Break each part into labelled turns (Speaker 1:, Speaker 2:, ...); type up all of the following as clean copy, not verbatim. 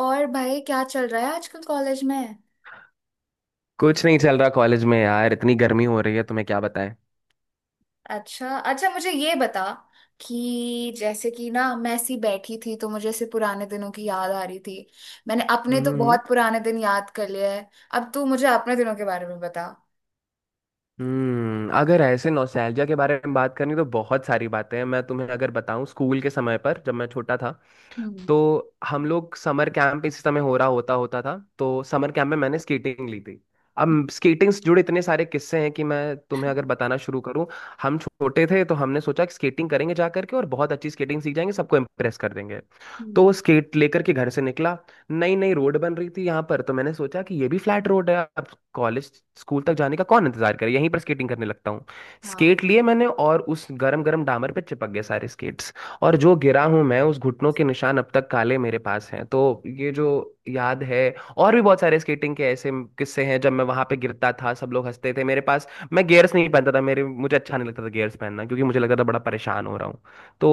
Speaker 1: और भाई, क्या चल रहा है आजकल कॉलेज में।
Speaker 2: कुछ नहीं चल रहा कॉलेज में यार, इतनी गर्मी हो रही है तुम्हें क्या बताएं।
Speaker 1: अच्छा अच्छा, मुझे ये बता कि जैसे कि ना, मैं ऐसी बैठी थी तो मुझे ऐसे पुराने दिनों की याद आ रही थी। मैंने अपने तो
Speaker 2: हम्म।
Speaker 1: बहुत पुराने दिन याद कर लिए हैं। अब तू मुझे अपने दिनों के बारे में बता।
Speaker 2: अगर ऐसे नॉस्टैल्जिया के बारे में बात करनी तो बहुत सारी बातें हैं, मैं तुम्हें अगर बताऊं स्कूल के समय पर जब मैं छोटा था
Speaker 1: हम्म।
Speaker 2: तो हम लोग समर कैंप इसी समय हो रहा होता होता था, तो समर कैंप में मैंने स्केटिंग ली थी। अब स्केटिंग से जुड़े इतने सारे किस्से हैं कि मैं तुम्हें अगर बताना शुरू करूं। हम छोटे थे तो हमने सोचा कि स्केटिंग करेंगे जा करके और बहुत अच्छी स्केटिंग सीख जाएंगे, सबको इम्प्रेस कर देंगे।
Speaker 1: हम्म।
Speaker 2: तो स्केट लेकर के घर से निकला। नई नई रोड बन रही थी यहाँ पर, तो मैंने सोचा कि ये भी फ्लैट रोड है अब। कॉलेज स्कूल तक जाने का कौन इंतजार करे, यहीं पर स्केटिंग करने लगता हूँ।
Speaker 1: हाँ।
Speaker 2: स्केट लिए मैंने और उस गरम गरम डामर पे चिपक गए सारे स्केट्स। और जो गिरा हूं मैं, उस घुटनों के निशान अब तक काले मेरे पास हैं, तो ये जो याद है। और भी बहुत सारे स्केटिंग के ऐसे किस्से हैं, जब मैं वहां पे गिरता था सब लोग हंसते थे मेरे पास। मैं गियर्स नहीं पहनता था, मेरे मुझे अच्छा नहीं लगता था गियर्स पहनना, क्योंकि मुझे लगता था बड़ा परेशान हो रहा हूँ। तो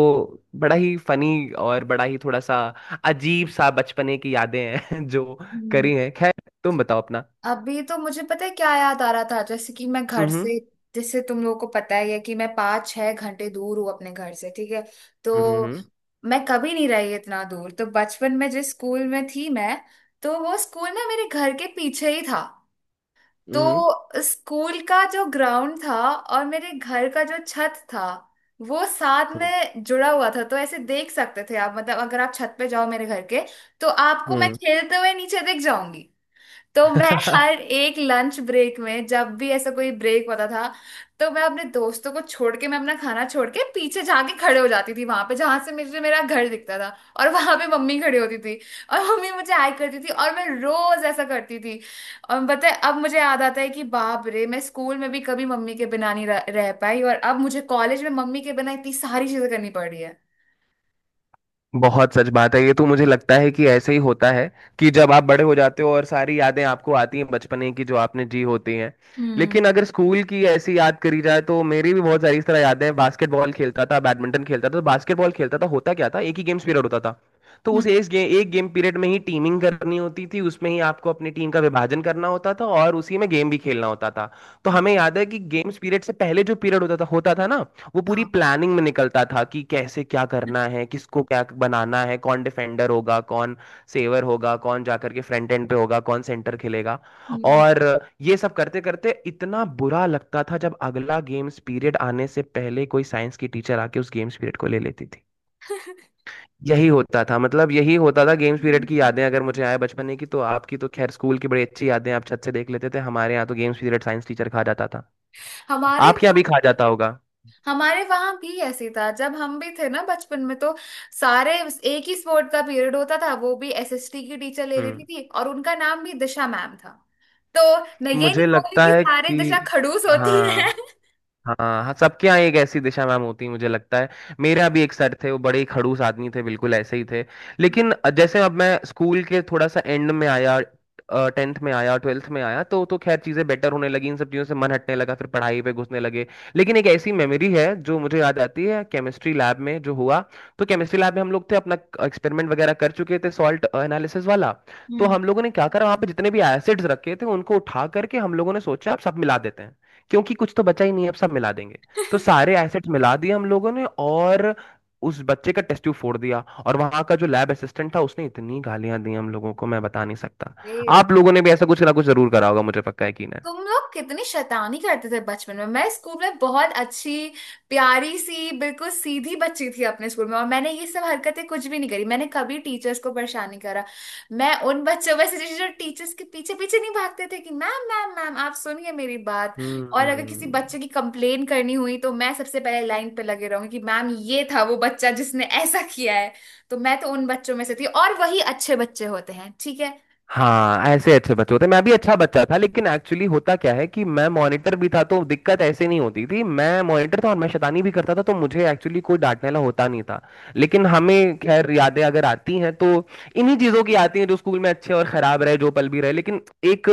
Speaker 2: बड़ा ही फनी और बड़ा ही थोड़ा सा अजीब सा बचपने की यादें हैं जो करी हैं। खैर, तुम बताओ अपना।
Speaker 1: अभी तो मुझे पता है क्या याद आ रहा था, जैसे कि मैं घर
Speaker 2: हम्म
Speaker 1: से, जैसे तुम लोगों को पता ही है कि मैं 5 6 घंटे दूर हूँ अपने घर से, ठीक है।
Speaker 2: हम्म।
Speaker 1: तो
Speaker 2: हम्म।
Speaker 1: मैं कभी नहीं रही इतना दूर, तो बचपन में जिस स्कूल में थी मैं, तो वो स्कूल ना मेरे घर के पीछे ही था।
Speaker 2: हम्म।
Speaker 1: तो स्कूल का जो ग्राउंड था और मेरे घर का जो छत था, वो साथ
Speaker 2: हम्म।
Speaker 1: में जुड़ा हुआ था। तो ऐसे देख सकते थे आप, मतलब अगर आप छत पे जाओ मेरे घर के, तो आपको मैं
Speaker 2: हम्म।
Speaker 1: खेलते हुए नीचे दिख जाऊंगी। तो मैं हर
Speaker 2: हम्म।
Speaker 1: एक लंच ब्रेक में, जब भी ऐसा कोई ब्रेक होता था, तो मैं अपने दोस्तों को छोड़ के, मैं अपना खाना छोड़ के पीछे जाके खड़े हो जाती थी वहां पे जहां से मुझे मेरा घर दिखता था। और वहां पे मम्मी खड़ी होती थी, और मम्मी मुझे हाय करती थी, और मैं रोज ऐसा करती थी। और बताए, अब मुझे याद आता है कि बाप रे, मैं स्कूल में भी कभी मम्मी के बिना नहीं रह पाई, और अब मुझे कॉलेज में मम्मी के बिना इतनी सारी चीजें करनी पड़ रही है।
Speaker 2: बहुत सच बात है ये, तो मुझे लगता है कि ऐसे ही होता है, कि जब आप बड़े हो जाते हो और सारी यादें आपको आती हैं बचपने की जो आपने जी होती हैं।
Speaker 1: हम्म।
Speaker 2: लेकिन अगर स्कूल की ऐसी याद करी जाए तो मेरी भी बहुत सारी इस तरह यादें हैं। बास्केटबॉल खेलता था, बैडमिंटन खेलता था, तो बास्केटबॉल खेलता था, होता क्या था, एक ही गेम्स पीरियड होता था। तो
Speaker 1: हम्म।
Speaker 2: उस एक गेम पीरियड में ही टीमिंग करनी होती थी, उसमें ही आपको अपनी टीम का विभाजन करना होता था और उसी में गेम भी खेलना होता था। तो
Speaker 1: हम्म।
Speaker 2: हमें याद है कि गेम्स पीरियड से पहले जो पीरियड होता था ना, वो पूरी
Speaker 1: हाँ।
Speaker 2: प्लानिंग में निकलता था कि कैसे क्या करना है, किसको क्या बनाना है, कौन डिफेंडर होगा, कौन सेवर होगा, कौन जाकर के फ्रंट एंड पे होगा, कौन सेंटर खेलेगा।
Speaker 1: हम्म।
Speaker 2: और ये सब करते करते इतना बुरा लगता था जब अगला गेम्स पीरियड आने से पहले कोई साइंस की टीचर आके उस गेम्स पीरियड को ले लेती थी। यही होता था, मतलब यही होता था। गेम्स पीरियड की यादें अगर मुझे आए बचपने की, तो आपकी तो खैर स्कूल की बड़ी अच्छी यादें, आप छत से देख लेते थे। हमारे यहाँ तो गेम्स पीरियड साइंस टीचर खा जाता था।
Speaker 1: हमारे
Speaker 2: आपके यहाँ भी खा जाता होगा।
Speaker 1: हमारे वहां भी ऐसे था जब हम भी थे ना बचपन में। तो सारे, एक ही स्पोर्ट का पीरियड होता था, वो भी एसएसटी की टीचर ले
Speaker 2: हम्म।
Speaker 1: लेती थी, और उनका नाम भी दिशा मैम था। तो मैं ये
Speaker 2: मुझे
Speaker 1: नहीं बोल रही
Speaker 2: लगता
Speaker 1: कि
Speaker 2: है
Speaker 1: सारे
Speaker 2: कि,
Speaker 1: दिशा खड़ूस होती है।
Speaker 2: हाँ,
Speaker 1: हम्म।
Speaker 2: हाँ, हाँ, सबके यहाँ एक ऐसी दिशा मैम होती है मुझे लगता है। मेरे यहाँ भी एक सर थे, वो बड़े ही खड़ूस आदमी थे, बिल्कुल ऐसे ही थे। लेकिन जैसे अब मैं स्कूल के थोड़ा सा एंड में आया, टेंथ में आया, ट्वेल्थ में आया, तो खैर चीज़ें बेटर होने लगी, इन सब चीज़ों से मन हटने लगा, फिर पढ़ाई पे घुसने लगे। लेकिन एक ऐसी मेमोरी है जो मुझे याद आती है, केमिस्ट्री लैब में जो हुआ। तो केमिस्ट्री लैब में हम लोग थे, अपना एक्सपेरिमेंट वगैरह कर चुके थे सॉल्ट एनालिसिस वाला।
Speaker 1: हम्म।
Speaker 2: तो
Speaker 1: हम्म।
Speaker 2: हम लोगों ने क्या करा, वहाँ पे जितने भी एसिड्स रखे थे उनको उठा करके हम लोगों ने सोचा आप सब मिला देते हैं, क्योंकि कुछ तो बचा ही नहीं है, अब सब मिला देंगे। तो सारे एसेट्स मिला दिए हम लोगों ने, और उस बच्चे का टेस्ट ट्यूब फोड़ दिया। और वहां का जो लैब असिस्टेंट था उसने इतनी गालियां दी हम लोगों को, मैं बता नहीं सकता। आप लोगों ने भी ऐसा कुछ ना कुछ जरूर करा होगा, मुझे पक्का यकीन है।
Speaker 1: तुम लोग कितनी शैतानी करते थे बचपन में। मैं स्कूल में बहुत अच्छी, प्यारी सी, बिल्कुल सीधी बच्ची थी अपने स्कूल में, और मैंने ये सब हरकतें कुछ भी नहीं करी। मैंने कभी टीचर्स को परेशान नहीं करा। मैं उन बच्चों में से थी जो टीचर्स के पीछे पीछे नहीं भागते थे कि मैम मैम मैम आप सुनिए मेरी बात। और अगर किसी
Speaker 2: हम्म।
Speaker 1: बच्चे की कंप्लेन करनी हुई, तो मैं सबसे पहले लाइन पे लगे रहूंगी कि मैम, ये था वो बच्चा जिसने ऐसा किया है। तो मैं तो उन बच्चों में से थी, और वही अच्छे बच्चे होते हैं, ठीक है।
Speaker 2: हाँ, ऐसे अच्छे बच्चे होते हैं। मैं भी अच्छा बच्चा था, लेकिन एक्चुअली होता क्या है कि मैं मॉनिटर भी था, तो दिक्कत ऐसे नहीं होती थी। मैं मॉनिटर था और मैं शैतानी भी करता था, तो मुझे एक्चुअली कोई डांटने वाला होता नहीं था। लेकिन हमें खैर यादें अगर आती हैं तो इन्हीं चीज़ों की आती हैं, जो स्कूल में अच्छे और खराब रहे, जो पल भी रहे। लेकिन एक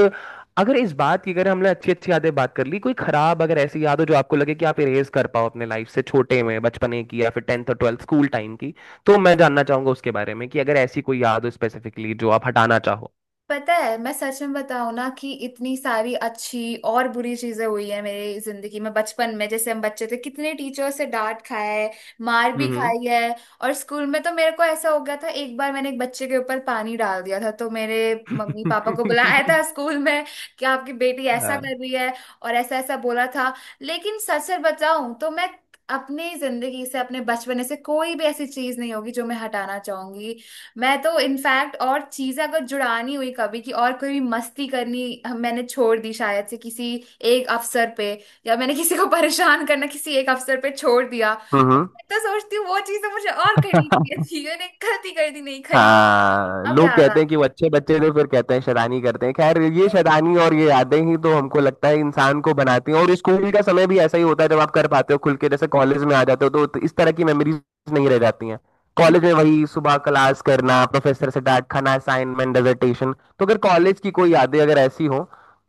Speaker 2: अगर इस बात की अगर हमने अच्छी अच्छी यादें बात कर ली, कोई खराब अगर ऐसी याद हो जो आपको लगे कि आप इरेज कर पाओ अपने लाइफ से, छोटे में बचपने की या फिर टेंथ और ट्वेल्थ स्कूल टाइम की, तो मैं जानना चाहूंगा उसके बारे में कि अगर ऐसी कोई याद हो स्पेसिफिकली जो आप हटाना चाहो।
Speaker 1: पता है, मैं सच में बताऊं ना कि इतनी सारी अच्छी और बुरी चीजें हुई है मेरी जिंदगी में बचपन में। जैसे हम बच्चे थे, कितने टीचर से डांट खाया है, मार भी
Speaker 2: हम्म।
Speaker 1: खाई है। और स्कूल में तो मेरे को ऐसा हो गया था, एक बार मैंने एक बच्चे के ऊपर पानी डाल दिया था, तो मेरे मम्मी पापा को बुलाया था स्कूल में कि आपकी बेटी ऐसा
Speaker 2: हाँ।
Speaker 1: कर रही है, और ऐसा ऐसा बोला था। लेकिन सच सच बताऊं तो मैं अपनी जिंदगी से, अपने बचपने से कोई भी ऐसी चीज नहीं होगी जो मैं हटाना चाहूंगी। मैं तो इनफैक्ट और चीजें अगर जुड़ानी हुई कभी कि और कोई भी मस्ती करनी मैंने छोड़ दी शायद से किसी एक अवसर पे, या मैंने किसी को परेशान करना किसी एक अवसर पे छोड़ दिया।
Speaker 2: हम्म।
Speaker 1: मैं तो सोचती हूँ वो चीजें मुझे और करनी चाहिए थी, मैंने गलती कर दी, नहीं करी।
Speaker 2: हाँ,
Speaker 1: अब
Speaker 2: लोग
Speaker 1: याद आ
Speaker 2: कहते हैं कि वो अच्छे बच्चे थे, फिर कहते हैं शैतानी करते हैं। खैर, ये शैतानी और ये यादें ही तो हमको लगता है इंसान को बनाती हैं, और स्कूल का समय भी ऐसा ही होता है जब आप कर पाते हो खुल के। जैसे कॉलेज में आ जाते हो तो इस तरह की मेमोरीज नहीं रह जाती हैं। कॉलेज में वही सुबह क्लास करना, प्रोफेसर से डांट खाना, असाइनमेंट, डिसर्टेशन। तो अगर कॉलेज की कोई यादें अगर ऐसी हो,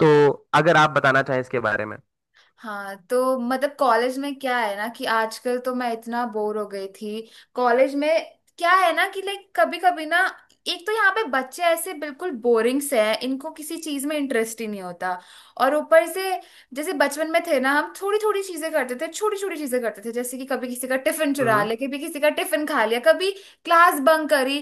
Speaker 2: तो अगर आप बताना चाहें इसके बारे में।
Speaker 1: हाँ। तो मतलब कॉलेज में क्या है ना कि आजकल तो मैं इतना बोर हो गई थी कॉलेज में। क्या है ना कि लाइक कभी कभी ना, एक तो यहाँ पे बच्चे ऐसे बिल्कुल बोरिंग से हैं, इनको किसी चीज में इंटरेस्ट ही नहीं होता। और ऊपर से, जैसे बचपन में थे ना, हम थोड़ी थोड़ी चीजें करते थे, छोटी छोटी चीजें करते थे। जैसे कि कभी किसी का टिफिन चुरा
Speaker 2: हम्म।
Speaker 1: लिया, कभी किसी का टिफिन खा लिया, कभी क्लास बंक करी,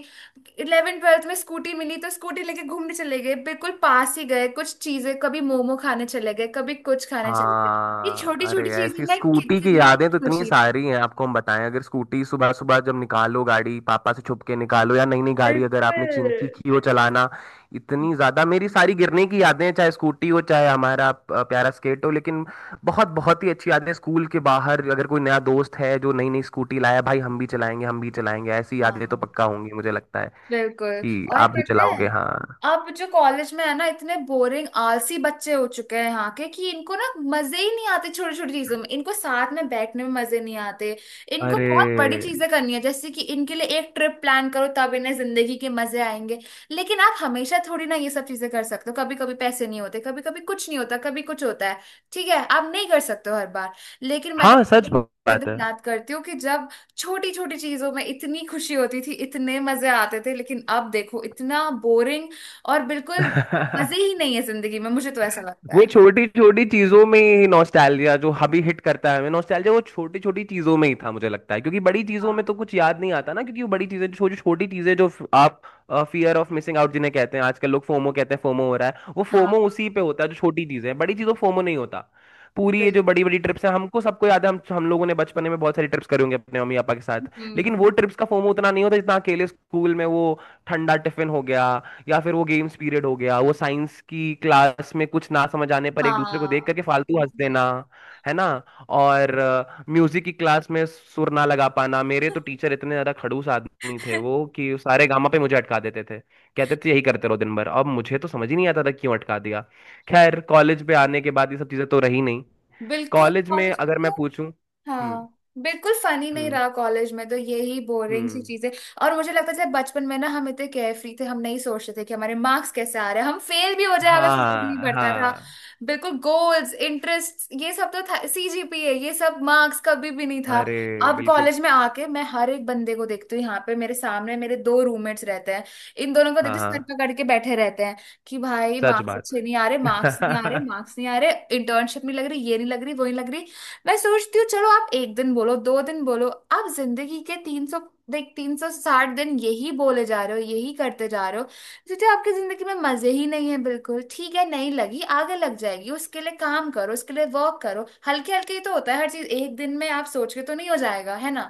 Speaker 1: 11th 12th में स्कूटी मिली तो स्कूटी लेके घूमने चले गए, बिल्कुल पास ही गए कुछ चीजें, कभी मोमो खाने चले गए, कभी कुछ खाने चले गए। ये
Speaker 2: हाँ,
Speaker 1: छोटी
Speaker 2: अरे
Speaker 1: छोटी चीजें
Speaker 2: ऐसी
Speaker 1: ना
Speaker 2: स्कूटी की
Speaker 1: कितनी
Speaker 2: यादें तो इतनी
Speaker 1: खुशी देती हैं।
Speaker 2: सारी हैं, आपको हम बताएं। अगर स्कूटी सुबह सुबह जब निकालो, गाड़ी पापा से छुप के निकालो, या नई नई गाड़ी अगर आपने
Speaker 1: बिल्कुल।
Speaker 2: सीखी हो चलाना। इतनी ज्यादा मेरी सारी गिरने की यादें हैं, चाहे स्कूटी हो चाहे हमारा प्यारा स्केट हो, लेकिन बहुत बहुत ही अच्छी यादें हैं। स्कूल के बाहर अगर कोई नया दोस्त है जो नई नई स्कूटी लाया, भाई हम भी चलाएंगे हम भी चलाएंगे, ऐसी यादें तो
Speaker 1: हाँ,
Speaker 2: पक्का होंगी मुझे लगता है
Speaker 1: बिल्कुल।
Speaker 2: कि
Speaker 1: और
Speaker 2: आप भी
Speaker 1: पता
Speaker 2: चलाओगे।
Speaker 1: है,
Speaker 2: हाँ।
Speaker 1: अब जो कॉलेज में है ना, इतने बोरिंग आलसी बच्चे हो चुके हैं यहाँ के कि इनको ना मजे ही नहीं आते छोटी छोटी चीजों में, इनको साथ में बैठने में मजे नहीं आते। इनको बहुत बड़ी
Speaker 2: अरे,
Speaker 1: चीजें करनी है, जैसे कि इनके लिए एक ट्रिप प्लान करो तब इन्हें जिंदगी के मजे आएंगे। लेकिन आप हमेशा थोड़ी ना ये सब चीजें कर सकते हो, कभी कभी पैसे नहीं होते, कभी कभी कुछ नहीं होता, कभी कुछ होता है, ठीक है आप नहीं कर सकते हो हर बार। लेकिन मैं तो
Speaker 2: हाँ, सच
Speaker 1: वो
Speaker 2: बात
Speaker 1: दिन
Speaker 2: है।
Speaker 1: याद करती हूँ कि जब छोटी छोटी चीजों में इतनी खुशी होती थी, इतने मजे आते थे, लेकिन अब देखो इतना बोरिंग, और बिल्कुल मजे ही नहीं है जिंदगी में, मुझे तो ऐसा लगता
Speaker 2: वो
Speaker 1: है।
Speaker 2: छोटी छोटी चीजों में ही नॉस्टैल्जिया, जो अभी हिट करता है हमें नॉस्टैल्जिया, वो छोटी छोटी चीजों में ही था मुझे लगता है, क्योंकि बड़ी चीजों में
Speaker 1: हाँ।
Speaker 2: तो कुछ याद नहीं आता ना, क्योंकि वो बड़ी चीजें, छोटी छोटी चीजें जो आप फियर ऑफ मिसिंग आउट जिन्हें कहते हैं, आजकल लोग फोमो कहते हैं, फोमो हो रहा है। वो
Speaker 1: हाँ,
Speaker 2: फोमो उसी पे होता है जो छोटी चीजें हैं, बड़ी चीजों फोमो नहीं होता। पूरी ये जो
Speaker 1: बिल्कुल।
Speaker 2: बड़ी बड़ी ट्रिप्स हैं, हमको सबको याद है, हम लोगों ने बचपने में बहुत सारी ट्रिप्स करी होंगी अपने मम्मी पापा के साथ। लेकिन
Speaker 1: हम्म।
Speaker 2: वो ट्रिप्स का फोमो उतना नहीं होता जितना अकेले स्कूल में वो ठंडा टिफिन हो गया, या फिर वो गेम्स पीरियड हो गया, वो साइंस की क्लास में कुछ ना समझ आने पर एक दूसरे को देख
Speaker 1: हाँ।
Speaker 2: करके फालतू हंस
Speaker 1: वही।
Speaker 2: देना, है ना। और म्यूजिक की क्लास में सुर ना लगा पाना, मेरे तो टीचर इतने ज्यादा खड़ूस आदमी थे वो कि सारे गामा पे मुझे अटका देते थे, कहते थे यही करते रहो दिन भर, अब मुझे तो समझ ही नहीं आता था क्यों अटका दिया। खैर कॉलेज पे आने के बाद ये सब चीजें तो रही नहीं,
Speaker 1: बिल्कुल।
Speaker 2: कॉलेज में
Speaker 1: कॉलेज,
Speaker 2: अगर मैं पूछूं। हम्म।
Speaker 1: हाँ, बिल्कुल फनी नहीं
Speaker 2: हम्म।
Speaker 1: रहा कॉलेज में, तो यही बोरिंग सी
Speaker 2: हम्म।
Speaker 1: चीजें। और मुझे लगता था बचपन में ना, हम इतने केयरफ्री थे, हम नहीं सोचते थे कि हमारे मार्क्स कैसे आ रहे हैं, हम फेल भी हो जाए हमें फर्क नहीं
Speaker 2: हाँ।
Speaker 1: पड़ता था।
Speaker 2: हाँ।
Speaker 1: बिल्कुल, गोल्स, इंटरेस्ट, ये सब तो था, सीजीपीए, ये सब मार्क्स कभी भी नहीं था।
Speaker 2: अरे,
Speaker 1: अब
Speaker 2: बिल्कुल।
Speaker 1: कॉलेज में आके मैं हर एक बंदे को देखती हूँ यहाँ पे। मेरे सामने मेरे दो रूममेट्स रहते हैं, इन दोनों को देखती
Speaker 2: हाँ।
Speaker 1: हूँ,
Speaker 2: हाँ,
Speaker 1: सर पकड़ के बैठे रहते हैं कि भाई
Speaker 2: सच
Speaker 1: मार्क्स
Speaker 2: बात।
Speaker 1: अच्छे नहीं आ रहे, मार्क्स नहीं आ रहे, मार्क्स नहीं आ रहे, इंटर्नशिप नहीं लग रही, ये नहीं लग रही, वो नहीं लग रही। मैं सोचती हूँ चलो आप एक दिन बोलो, दो दिन बोलो, आप जिंदगी के 300, देख, 360 दिन यही बोले जा रहे हो, यही करते जा रहे हो। सीधे आपकी जिंदगी में मजे ही नहीं है, बिल्कुल। ठीक है नहीं लगी, आगे लग जाएगी, उसके लिए काम करो, उसके लिए वर्क करो, हल्के हल्के ही तो होता है हर चीज, एक दिन में आप सोच के तो नहीं हो जाएगा, है ना।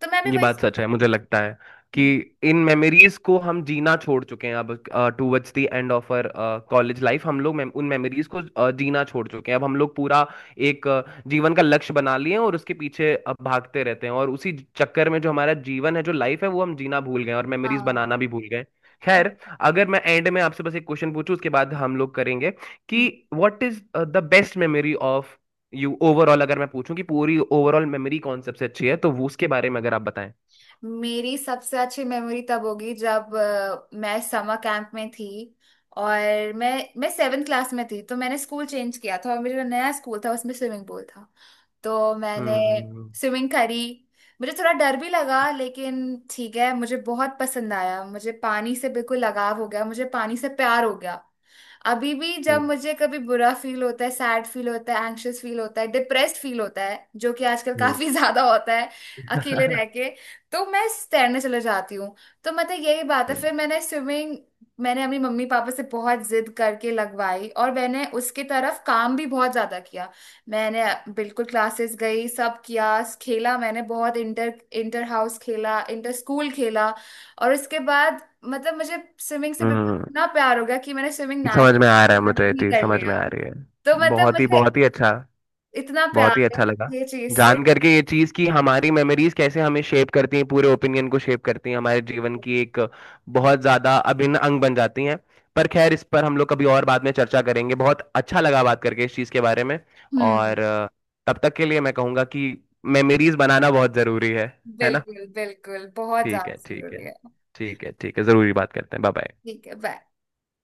Speaker 1: तो मैं भी
Speaker 2: ये
Speaker 1: वही।
Speaker 2: बात सच है, मुझे लगता है कि
Speaker 1: हम्म।
Speaker 2: इन मेमोरीज को हम जीना छोड़ चुके हैं अब। Towards the end of our college life हम लोग उन मेमोरीज को जीना छोड़ चुके हैं। अब हम लोग पूरा एक जीवन का लक्ष्य बना लिए हैं, और उसके पीछे अब भागते रहते हैं, और उसी चक्कर में जो हमारा जीवन है, जो लाइफ है, वो हम जीना भूल गए हैं और मेमोरीज
Speaker 1: हाँ।
Speaker 2: बनाना भी भूल गए। खैर, अगर मैं एंड में आपसे बस एक क्वेश्चन पूछूं, उसके बाद हम लोग करेंगे, कि
Speaker 1: हम्म।
Speaker 2: What is the best memory of you, overall अगर मैं पूछूं कि पूरी ओवरऑल मेमोरी कौन सबसे अच्छी है तो वो, उसके बारे में अगर आप बताएं।
Speaker 1: मेरी सबसे अच्छी मेमोरी तब होगी जब मैं समर कैंप में थी, और मैं सेवेंथ क्लास में थी, तो मैंने स्कूल चेंज किया था और मेरा जो नया स्कूल था उसमें स्विमिंग पूल था। तो मैंने
Speaker 2: हम्म। हम्म।
Speaker 1: स्विमिंग करी, मुझे थोड़ा डर भी लगा लेकिन ठीक है, मुझे बहुत पसंद आया, मुझे पानी से बिल्कुल लगाव हो गया, मुझे पानी से प्यार हो गया। अभी भी जब
Speaker 2: हम्म।
Speaker 1: मुझे कभी बुरा फील होता है, सैड फील होता है, एंग्शियस फील होता है, डिप्रेस्ड फील होता है, जो कि आजकल काफी ज्यादा होता है अकेले
Speaker 2: हम्म।
Speaker 1: रह के, तो मैं तैरने चले जाती हूँ। तो मतलब यही बात है।
Speaker 2: हम्म।
Speaker 1: फिर मैंने स्विमिंग, मैंने अपनी मम्मी पापा से बहुत जिद करके लगवाई, और मैंने उसके तरफ काम भी बहुत ज्यादा किया। मैंने बिल्कुल क्लासेस गई, सब किया, खेला मैंने बहुत, इंटर इंटर हाउस खेला, इंटर स्कूल खेला। और उसके बाद मतलब मुझे स्विमिंग से बिल्कुल
Speaker 2: हम्म,
Speaker 1: इतना प्यार हो गया कि मैंने स्विमिंग
Speaker 2: समझ में आ रहा है,
Speaker 1: नेशनल
Speaker 2: मुझे ये
Speaker 1: भी
Speaker 2: चीज
Speaker 1: कर
Speaker 2: समझ में
Speaker 1: लिया।
Speaker 2: आ रही है।
Speaker 1: तो मतलब मुझे
Speaker 2: बहुत ही अच्छा,
Speaker 1: इतना प्यार
Speaker 2: बहुत ही
Speaker 1: है
Speaker 2: अच्छा लगा
Speaker 1: ये चीज से।
Speaker 2: जान करके ये चीज़ कि हमारी मेमोरीज कैसे हमें शेप करती हैं, पूरे ओपिनियन को शेप करती हैं, हमारे जीवन की एक बहुत ज़्यादा अभिन्न अंग बन जाती हैं। पर खैर इस पर हम लोग कभी और बाद में चर्चा करेंगे, बहुत अच्छा लगा बात करके इस चीज़ के बारे में।
Speaker 1: हम्म।
Speaker 2: और तब तक के लिए मैं कहूँगा कि मेमोरीज बनाना बहुत ज़रूरी है। है ना।
Speaker 1: बिल्कुल, बिल्कुल बहुत
Speaker 2: ठीक
Speaker 1: ज्यादा
Speaker 2: है, ठीक है।
Speaker 1: जरूरी है।
Speaker 2: ठीक है, ठीक है, ज़रूरी। बात करते हैं। Bye bye.
Speaker 1: ठीक है, बाय।